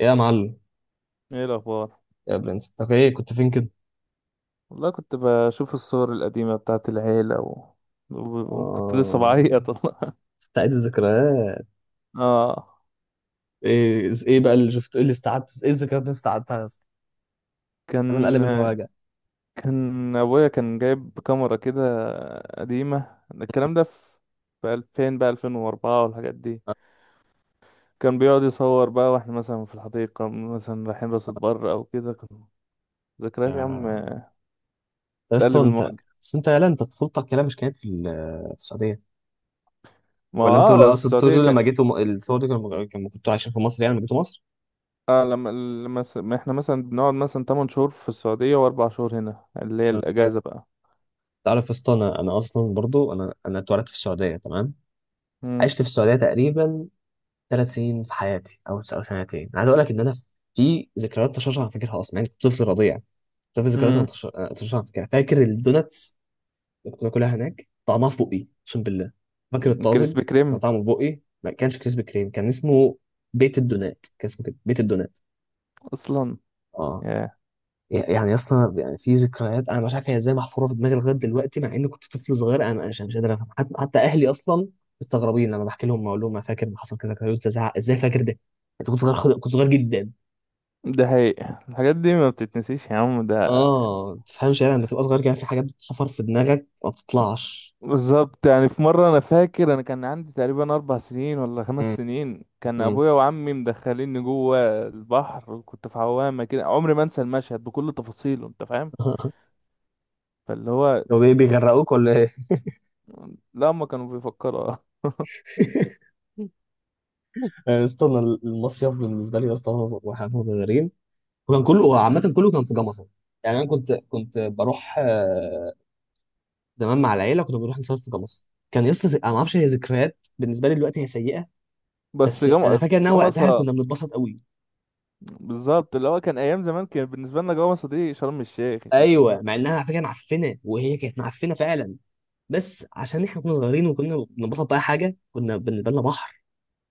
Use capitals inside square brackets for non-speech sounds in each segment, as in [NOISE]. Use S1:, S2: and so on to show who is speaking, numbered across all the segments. S1: ايه يا معلم؟
S2: ايه الاخبار؟
S1: يا برنس، انت ايه كنت فين كده؟
S2: والله كنت بشوف الصور القديمه بتاعت العيله و- وكنت لسه
S1: آه،
S2: بعيط والله. [LAUGHS]
S1: استعيد الذكريات.
S2: اه.
S1: ايه بقى اللي شفت؟ ايه اللي استعدت؟ ايه الذكريات اللي استعدتها يا اسطى؟ انا
S2: كان
S1: القلب المواجع.
S2: كان ابويا كان جايب كاميرا كده قديمه، الكلام ده في 2000 بقى 2004 والحاجات دي.
S1: آه.
S2: كان بيقعد يصور بقى واحنا مثلا في الحديقه، مثلا رايحين راس البر او كده. كان ذكريات يا عم،
S1: يا يا اسطى
S2: تقلب
S1: انت،
S2: المواجهه.
S1: بس انت يالا انت طفولتك كده مش كانت في في السعوديه؟
S2: ما
S1: ولا انتوا، لا اقصد انتوا
S2: السعوديه كان.
S1: لما جيتوا الصور دي لما كنتوا عايشين في مصر، يعني لما جيتوا مصر.
S2: اه لما ما احنا مثلا بنقعد مثلا 8 شهور في السعوديه واربع شهور هنا اللي هي
S1: آه.
S2: الاجازه بقى.
S1: تعرف يا اسطى، انا اصلا برضو انا اتولدت في السعوديه، تمام. عشت في السعوديه تقريبا 3 سنين في حياتي، او سنتين، عايز اقول لك ان انا في ذكريات طشاش انا فاكرها اصلا. يعني كنت طفل رضيع، بس في ذكريات انا
S2: امم
S1: طشاش انا فاكرها. فاكر الدوناتس اللي كنت باكلها هناك، طعمها في بقي، اقسم بالله. فاكر الطازج،
S2: كريسبي
S1: كان
S2: كريم.
S1: طعمه في بقي. ما كانش كريسبي كريم، كان اسمه بيت الدونات، كان اسمه كده بيت الدونات.
S2: اصلا.
S1: اه.
S2: ياه.
S1: يعني اصلا يعني في ذكريات انا مش عارف هي ازاي محفوره في دماغي لغايه دلوقتي، مع اني كنت طفل صغير، انا مش قادر افهم. حتى اهلي اصلا مستغربين لما بحكي لهم، اقول لهم انا فاكر ما حصل كذا كذا، قلت ازعق ازاي، فاكر ده؟ انت كنت صغير، كنت صغير جدا.
S2: ده حقيقي، الحاجات دي ما بتتنسيش يا عم ده.
S1: اه، ما تفهمش
S2: بص،
S1: يعني لما بتبقى صغير كده في حاجات بتتحفر في دماغك ما بتطلعش.
S2: بالظبط. يعني في مرة أنا فاكر أنا كان عندي تقريبا أربع سنين ولا
S1: امم.
S2: خمس سنين، كان
S1: امم.
S2: أبويا وعمي مدخليني جوه البحر وكنت في عوامة كده. عمري ما أنسى المشهد بكل تفاصيله، أنت فاهم.
S1: [LAUGHS]
S2: فاللي هو،
S1: هو بيغرقوك ولا ايه؟
S2: لا هما كانوا بيفكروا.
S1: [LAUGHS]
S2: [LAUGHS]
S1: يا اسطى، انا اصلا المصيف بالنسبه لي يا اسطى وانا واحنا صغيرين، وكان كله عامه كله كان في جمصه. يعني انا كنت بروح زمان مع العيله كنا بنروح نصيف في جمصة. كان يسطا انا ما اعرفش، هي ذكريات بالنسبه لي دلوقتي هي سيئه،
S2: بس
S1: بس انا
S2: جم...
S1: فاكر انها وقتها
S2: جمصة
S1: كنا بنتبسط قوي.
S2: بالظبط، اللي هو كان أيام زمان كان بالنسبة لنا جمصة دي شرم الشيخ، أنت
S1: ايوه،
S2: فاهم.
S1: مع انها على فكره معفنه، وهي كانت معفنه فعلا، بس عشان احنا كنا صغيرين وكنا بنتبسط، بقى حاجه كنا بالنسبه لنا بحر.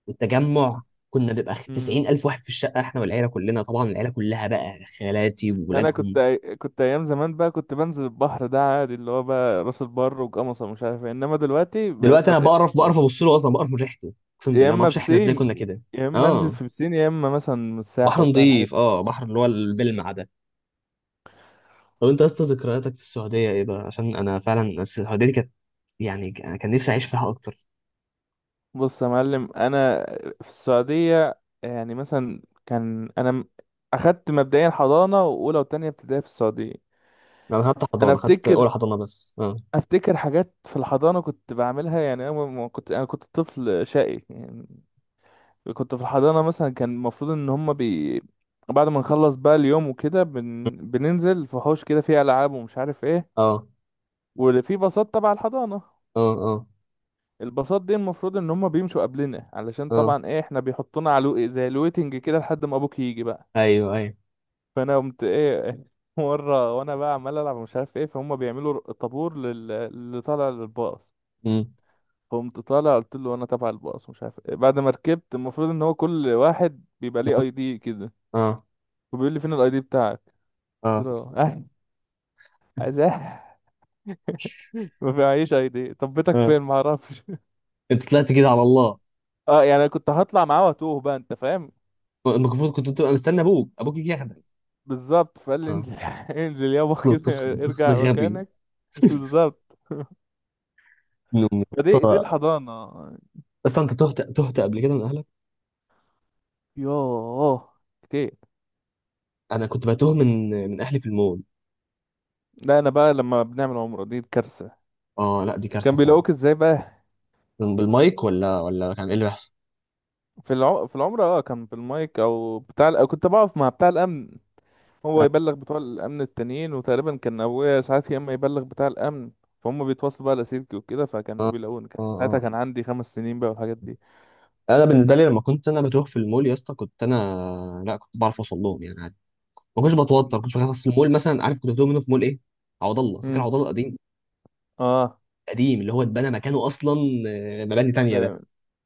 S1: والتجمع، كنا بنبقى 90 الف واحد في الشقه احنا والعيله كلنا، طبعا العيله كلها بقى، خالاتي
S2: انا كنت
S1: وولادهم.
S2: كنت ايام زمان بقى كنت بنزل البحر ده عادي، اللي هو بقى راس البر وقمصة ومش عارف ايه، انما دلوقتي بقيت
S1: دلوقتي انا
S2: بتقلق
S1: بقرف، بقرف
S2: بصراحه.
S1: ابص له اصلا، بقرف من ريحته، اقسم
S2: يا
S1: بالله ما
S2: اما
S1: اعرفش احنا ازاي كنا
S2: بسين،
S1: كده.
S2: يا اما انزل
S1: اه،
S2: في بسين، يا اما مثلا
S1: بحر
S2: الساحل بقى الحاجات.
S1: نظيف، اه، بحر اللي هو البلمع ده. طب انت يا اسطى، ذكرياتك في السعوديه ايه بقى؟ عشان انا فعلا السعوديه دي كانت، يعني انا كان نفسي اعيش فيها اكتر.
S2: بص يا معلم، انا في السعوديه يعني مثلا كان انا اخدت مبدئيا حضانه واولى وتانية ابتدائي في السعوديه.
S1: انا خدت
S2: انا
S1: حضانه، خدت
S2: افتكر
S1: اولى حضانه بس. اه.
S2: افتكر حاجات في الحضانه كنت بعملها، يعني انا ما كنت انا كنت طفل شقي يعني. كنت في الحضانة مثلا، كان المفروض ان هما بي، بعد ما نخلص بقى اليوم وكده بننزل في حوش كده فيه العاب ومش عارف ايه،
S1: اه.
S2: واللي فيه باصات تبع الحضانة.
S1: اه. اه.
S2: الباصات دي المفروض ان هما بيمشوا قبلنا، علشان
S1: اه.
S2: طبعا ايه احنا بيحطونا على زي الويتنج كده لحد ما ابوك يجي بقى.
S1: ايوه، ايوه.
S2: فانا قمت ايه [LAUGHS] مرة وانا بقى عمال العب ومش عارف ايه، فهم بيعملوا طابور اللي طالع للباص.
S1: امم.
S2: فقمت طالع قلت له انا تبع الباص ومش عارف إيه. بعد ما ركبت، المفروض ان هو كل واحد بيبقى ليه اي دي كده،
S1: اه.
S2: وبيقول لي فين الاي دي بتاعك. قلت
S1: اه.
S2: له اه، عايزاه، ما فيهاش اي دي. طب بيتك
S1: اه.
S2: فين؟ ما اعرفش.
S1: انت طلعت كده على الله.
S2: اه يعني انا كنت هطلع معاه واتوه بقى، انت فاهم.
S1: المفروض كنت تبقى مستني ابوك، يجي ياخدك.
S2: بالظبط، فقال لي
S1: اه.
S2: انزل، [LAUGHS] انزل يابا
S1: طفل
S2: كده
S1: طفل طفل
S2: ارجع
S1: غبي.
S2: مكانك. بالظبط.
S1: ابن امي.
S2: [LAUGHS] فدي دي الحضانه.
S1: بس انت تهت تهت قبل كده من اهلك؟
S2: يوه، كتير.
S1: انا كنت بتوه من اهلي في المول.
S2: لا انا بقى لما بنعمل عمره دي كارثه.
S1: اه، لا دي كارثه
S2: كان
S1: فعلا.
S2: بيلاقوك ازاي بقى؟
S1: بالمايك ولا كان ايه اللي بيحصل؟
S2: في العمره، اه كان بالمايك او بتاع كنت بقف مع بتاع الامن، هو
S1: اه.
S2: يبلغ بتوع الامن التانيين، وتقريبا كان ابويا ساعات يا اما يبلغ بتاع الامن. فهم بيتواصلوا بقى لاسلكي وكده، فكانوا
S1: اه.
S2: بيلاقوني. كان ساعتها
S1: اه.
S2: كان عندي خمس سنين بقى والحاجات دي.
S1: انا بالنسبه لي لما كنت انا بتوه في المول يا اسطى، كنت انا، لا كنت بعرف اوصل لهم يعني، عادي. ما كنتش بتوتر، ما كنتش بخاف. اصل المول مثلا عارف كنت بتوه منه في مول ايه؟ عوض الله، فاكر
S2: امم
S1: عوض الله القديم؟
S2: اه.
S1: قديم اللي هو اتبنى مكانه اصلا، مباني تانية ده.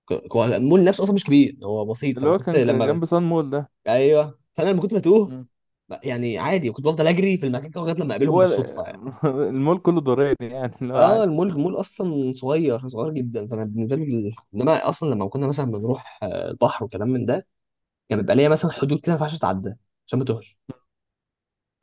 S1: هو المول نفسه اصلا مش كبير، هو بسيط،
S2: اللي
S1: فانا
S2: هو
S1: كنت
S2: كان جنب صن مول ده.
S1: ايوه، فانا لما كنت بتوه،
S2: مم.
S1: يعني عادي كنت بفضل اجري في المكان كده لغايه لما اقابلهم
S2: هو ال-
S1: بالصدفه يعني.
S2: [LAUGHS] المول كله دوراني يعني اللي هو
S1: اه،
S2: عادي.
S1: المول اصلا صغير صغير جدا، فانا بالنسبه لي انما اصلا لما كنا مثلا بنروح البحر وكلام من ده، كان يعني بيبقى ليا مثلا حدود كده ما ينفعش اتعدى، عشان ما توهش.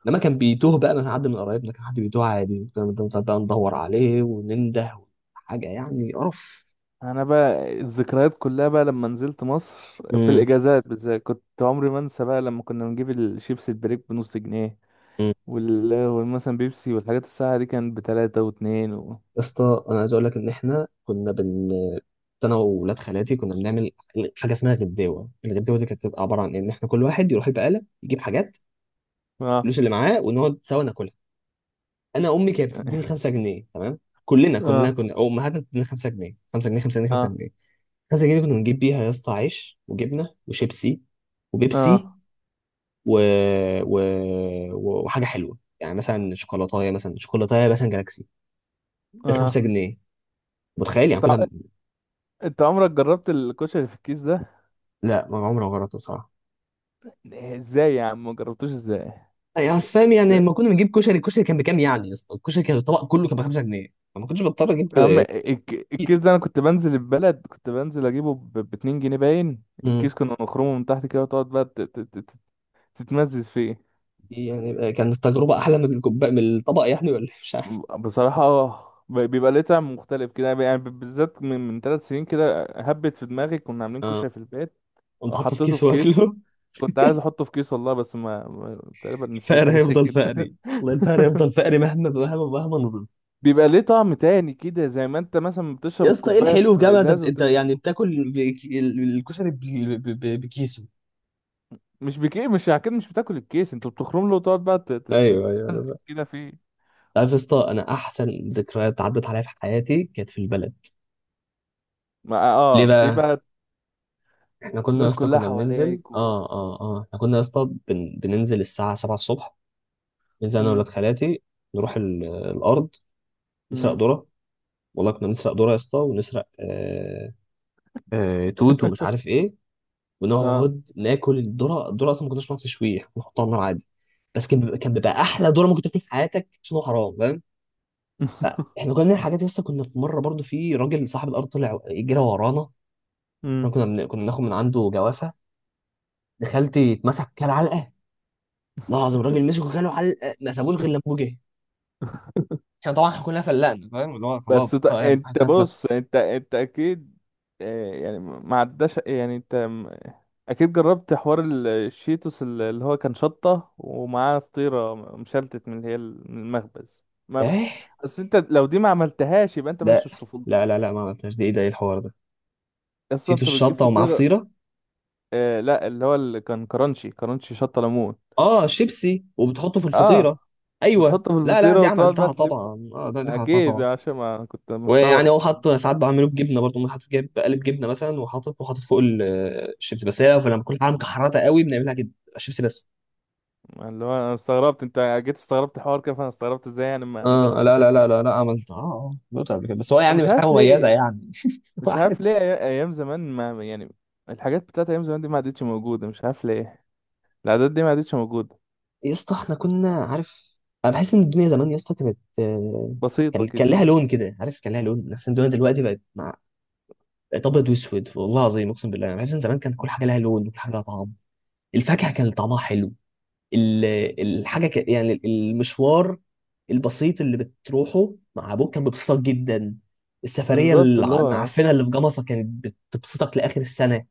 S1: انما كان بيتوه بقى من حد من قرايبنا، كان حد بيتوه عادي، كنا بنفضل بقى ندور عليه وننده. حاجه يعني قرف.
S2: انا بقى الذكريات كلها بقى لما نزلت مصر، في
S1: امم.
S2: الاجازات بالذات كنت عمري ما انسى بقى لما كنا بنجيب الشيبس البريك بنص جنيه
S1: يا
S2: والمثلا بيبسي والحاجات، الساعة دي كانت بتلاتة واتنين و...
S1: اسطى انا عايز اقول لك ان احنا كنا بن انا وولاد خالاتي كنا بنعمل حاجه اسمها غداوه. الغداوه دي كانت بتبقى عباره عن ان احنا كل واحد يروح البقاله يجيب حاجات،
S2: اه.
S1: الفلوس اللي معاه، ونقعد سوا ناكلها. انا امي كانت بتديني 5 جنيه، تمام؟ كلنا
S2: اه.
S1: كنا، او امهاتنا بتدينا 5 جنيه، 5 جنيه، 5 جنيه، 5
S2: اه.
S1: جنيه 5 جنيه دي كنا بنجيب بيها يا اسطى عيش وجبنه وشيبسي وبيبسي
S2: اه.
S1: و... و... وحاجه حلوه، يعني مثلا شوكولاتايه، مثلا شوكولاتايه مثلا جالاكسي، ب 5
S2: اه.
S1: جنيه متخيل يعني
S2: طع...
S1: كنا؟
S2: انت عمرك جربت الكشري اللي في الكيس ده؟
S1: لا، ما عمري ما جربته بصراحه.
S2: ازاي يا عم ما جربتوش ازاي؟
S1: يعني اصل فاهم يعني
S2: ده
S1: لما كنا بنجيب كشري، الكشري كان بكام يعني يا اسطى؟ الكشري كان الطبق كله كان ب 5 جنيه، فما كنتش بضطر اجيب
S2: يا عم الكيس
S1: كيتي.
S2: ده، انا كنت بنزل البلد كنت بنزل اجيبه ب 2 جنيه. باين
S1: امم.
S2: الكيس كنا نخرمه من تحت كده وتقعد بقى تتمزز فيه.
S1: يعني كانت التجربه احلى من الكوبايه من الطبق يعني ولا إيه؟ مش عارف.
S2: بصراحة اه، بيبقى ليه طعم مختلف كده يعني، بالذات من ثلاث سنين كده هبت في دماغي كنا عاملين
S1: اه،
S2: كشري في البيت
S1: قمت حاطه في
S2: وحطيته
S1: كيس
S2: في كيس.
S1: واكله. [LAUGHS]
S2: كنت عايز احطه في كيس والله، بس تقريبا نسيت
S1: الفقر
S2: حاجة زي
S1: هيفضل
S2: كده.
S1: فقري، والله
S2: [LAUGHS]
S1: الفقر هيفضل فقري، مهما مهما مهما.
S2: بيبقى ليه طعم تاني كده، زي ما انت مثلا
S1: يا
S2: بتشرب
S1: اسطى، ايه
S2: الكوبايه
S1: الحلو في
S2: في
S1: جامعه؟ انت
S2: ازاز
S1: انت
S2: وبتشرب.
S1: يعني بتاكل الكشري بكيسه.
S2: مش بكي، مش اكيد مش بتاكل الكيس، انت بتخرم له وتقعد بقى ت- ت- ت-
S1: ايوه، ايوه، انا
S2: تتمزج
S1: بقى
S2: كده فيه.
S1: عارف يا اسطى، انا احسن ذكريات عدت عليا في حياتي كانت في البلد.
S2: ما
S1: ليه
S2: اه، دي
S1: بقى؟
S2: بقى
S1: احنا كنا يا
S2: الناس
S1: اسطى
S2: كلها
S1: كنا بننزل،
S2: حواليك و...
S1: احنا كنا يا اسطى بننزل الساعه 7 الصبح، ننزل انا
S2: مم.
S1: وولاد خالاتي، نروح الارض، نسرق
S2: مم.
S1: ذره. والله كنا بنسرق ذره يا اسطى، ونسرق توت ومش
S2: [LAUGHS]
S1: عارف ايه،
S2: اه.
S1: ونقعد ناكل الذره. الذره اصلا ما كناش بنعرف نشويها، كنا بنحطها على النار عادي، بس كان كان بيبقى احلى ذره ممكن تاكل في حياتك، عشان هو حرام، فاهم؟
S2: [LAUGHS]
S1: احنا كنا بنعمل حاجات لسه. كنا في مره برضو في راجل صاحب الارض طلع جرى ورانا. احنا
S2: مم.
S1: كنا بناكل من عنده جوافه. دخلتي اتمسك كل علقه، والله العظيم الراجل مسكه كله علقه، ما سابوش غير لما جه. احنا طبعا، احنا كلنا فلقنا، فاهم؟ اللي هو خلاص
S2: بس
S1: طبعاً، يعني في حد
S2: انت
S1: فاهم اتمسك.
S2: بص انت اكيد، آه، يعني ما عداش، يعني اكيد جربت حوار الشيتوس اللي هو كان شطة ومعاه فطيرة مشلتت من اللي هي من المخبز. ما...
S1: ايه؟
S2: بس انت لو دي ما عملتهاش يبقى انت ما
S1: لا،
S2: عشتش
S1: لا،
S2: طفولتك.
S1: لا، لا، ما عملتهاش دي، ايه ده؟ ايه الحوار ده؟
S2: اصلا
S1: نسيتوا
S2: انت بتجيب
S1: الشطه ومعاه
S2: فطيرة؟
S1: فطيره.
S2: آه لا، اللي هو اللي كان كرانشي، كرانشي شطة ليمون.
S1: اه، شيبسي وبتحطه في
S2: اه
S1: الفطيره. ايوه،
S2: بتحطه في
S1: لا، لا،
S2: الفطيرة
S1: دي
S2: وتقعد بقى
S1: عملتها
S2: تلف.
S1: طبعا، اه، دي عملتها
S2: اكيد
S1: طبعا.
S2: عشان ما كنت
S1: ويعني
S2: مستغرب.
S1: هو حط ساعات بعمله بجبنه برضه، ممكن حاطط جايب قالب جبنه مثلا وحاطط، وحاطط فوق الشيبسي، بس هي لما بكون حاجه مكحرته قوي بنعملها جدا شيبسي بس.
S2: اللي هو انا استغربت، انت جيت استغربت الحوار كده فانا استغربت ازاي يعني ما
S1: اه، لا،
S2: جربتهاش
S1: لا،
S2: قبل
S1: لا، لا،
S2: كده.
S1: لا، عملت، عملت قبل كده، بس هو
S2: أنا
S1: يعني
S2: مش
S1: مش حاجه
S2: عارف
S1: مميزه
S2: ليه،
S1: يعني. [LAUGHS]
S2: مش
S1: واحد.
S2: عارف ليه. ايام زمان ما يعني، الحاجات بتاعت ايام زمان دي ما عادتش موجوده، مش عارف ليه، العادات دي ما عادتش موجوده.
S1: يا اسطى احنا كنا عارف، انا بحس ان الدنيا زمان يا اسطى كانت،
S2: بسيطه
S1: كان لها
S2: كده.
S1: لون كده، عارف، كان لها لون. بحس ان الدنيا دلوقتي بقت مع، بقت ابيض واسود والله العظيم، اقسم بالله انا بحس ان زمان كان كل حاجه لها لون وكل حاجه لها طعم. الفاكهه كان طعمها حلو. ال- الحاجه يعني المشوار البسيط اللي بتروحه مع ابوك كان بيبسطك جدا. السفريه
S2: بالظبط اللي هو
S1: المعفنه اللي في جمصه كانت بتبسطك لاخر السنه.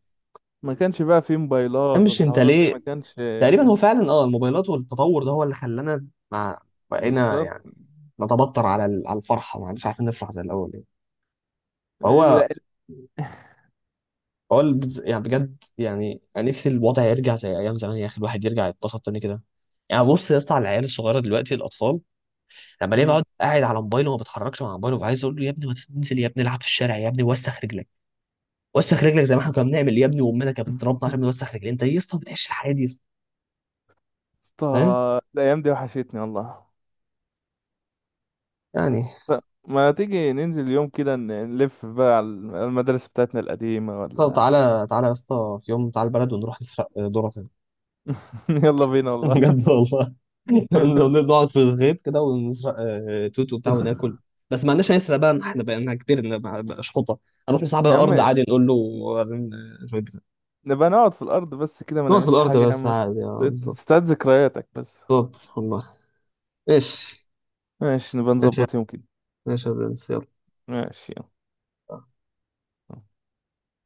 S2: ما كانش بقى فيه موبايلات
S1: مش انت
S2: والحوارات دي ما
S1: ليه؟
S2: كانش.
S1: تقريبا هو فعلا، اه، الموبايلات والتطور ده هو اللي خلانا مع، بقينا
S2: بالظبط.
S1: يعني نتبطر على على الفرحه، ما عادش عارفين نفرح زي الاول يعني. فهو
S2: لا.
S1: هو يعني بجد يعني، انا نفسي الوضع يرجع زي ايام زمان يا اخي، الواحد يرجع يتبسط تاني كده. يعني بص يا اسطى على العيال الصغيره دلوقتي، الاطفال لما ليه
S2: مم.
S1: بقعد قاعد على موبايله وما بتحركش مع موبايله، عايز اقول له يا ابني ما تنزل يا ابني العب في الشارع يا ابني، وسخ رجلك. وسخ رجلك زي ما احنا كنا بنعمل يا ابني، وامنا كانت بتضربنا عشان نوسخ رجلنا. انت إيه يا اسطى؟ ما بتعيش الحياه دي يا اسطى؟
S2: اسطى،
S1: فاهم؟
S2: الايام دي وحشتني والله.
S1: يعني يا
S2: ما تيجي ننزل يوم كده نلف بقى على المدارس بتاعتنا القديمه
S1: اسطى،
S2: ولا؟
S1: تعالى تعالى يا اسطى في يوم، تعالى البلد ونروح نسرق ذره.
S2: [LAUGHS] يلا بينا
S1: [LAUGHS]
S2: والله.
S1: بجد والله. [LAUGHS] لو
S2: [LAUGHS]
S1: نقعد في الغيط كده ونسرق توت وبتاع وناكل. بس ما عندناش نسرق بقى، احنا بقينا كبير، بقى شحطه. هنروح نصعب على
S2: يا
S1: الارض
S2: عم،
S1: عادي، نقول له عايزين شويه بيتزا.
S2: نبقى نقعد في الأرض بس كده ما
S1: نقعد في
S2: نعملش
S1: الارض
S2: حاجة يا
S1: بس
S2: عم.
S1: عادي، بالظبط.
S2: تستعيد ذكرياتك بس.
S1: بالظبط والله. ايش؟
S2: ماشي، نبقى
S1: ايش يا،
S2: نظبط يوم كده.
S1: ايش يا برنس، يلا.
S2: ماشي. يلا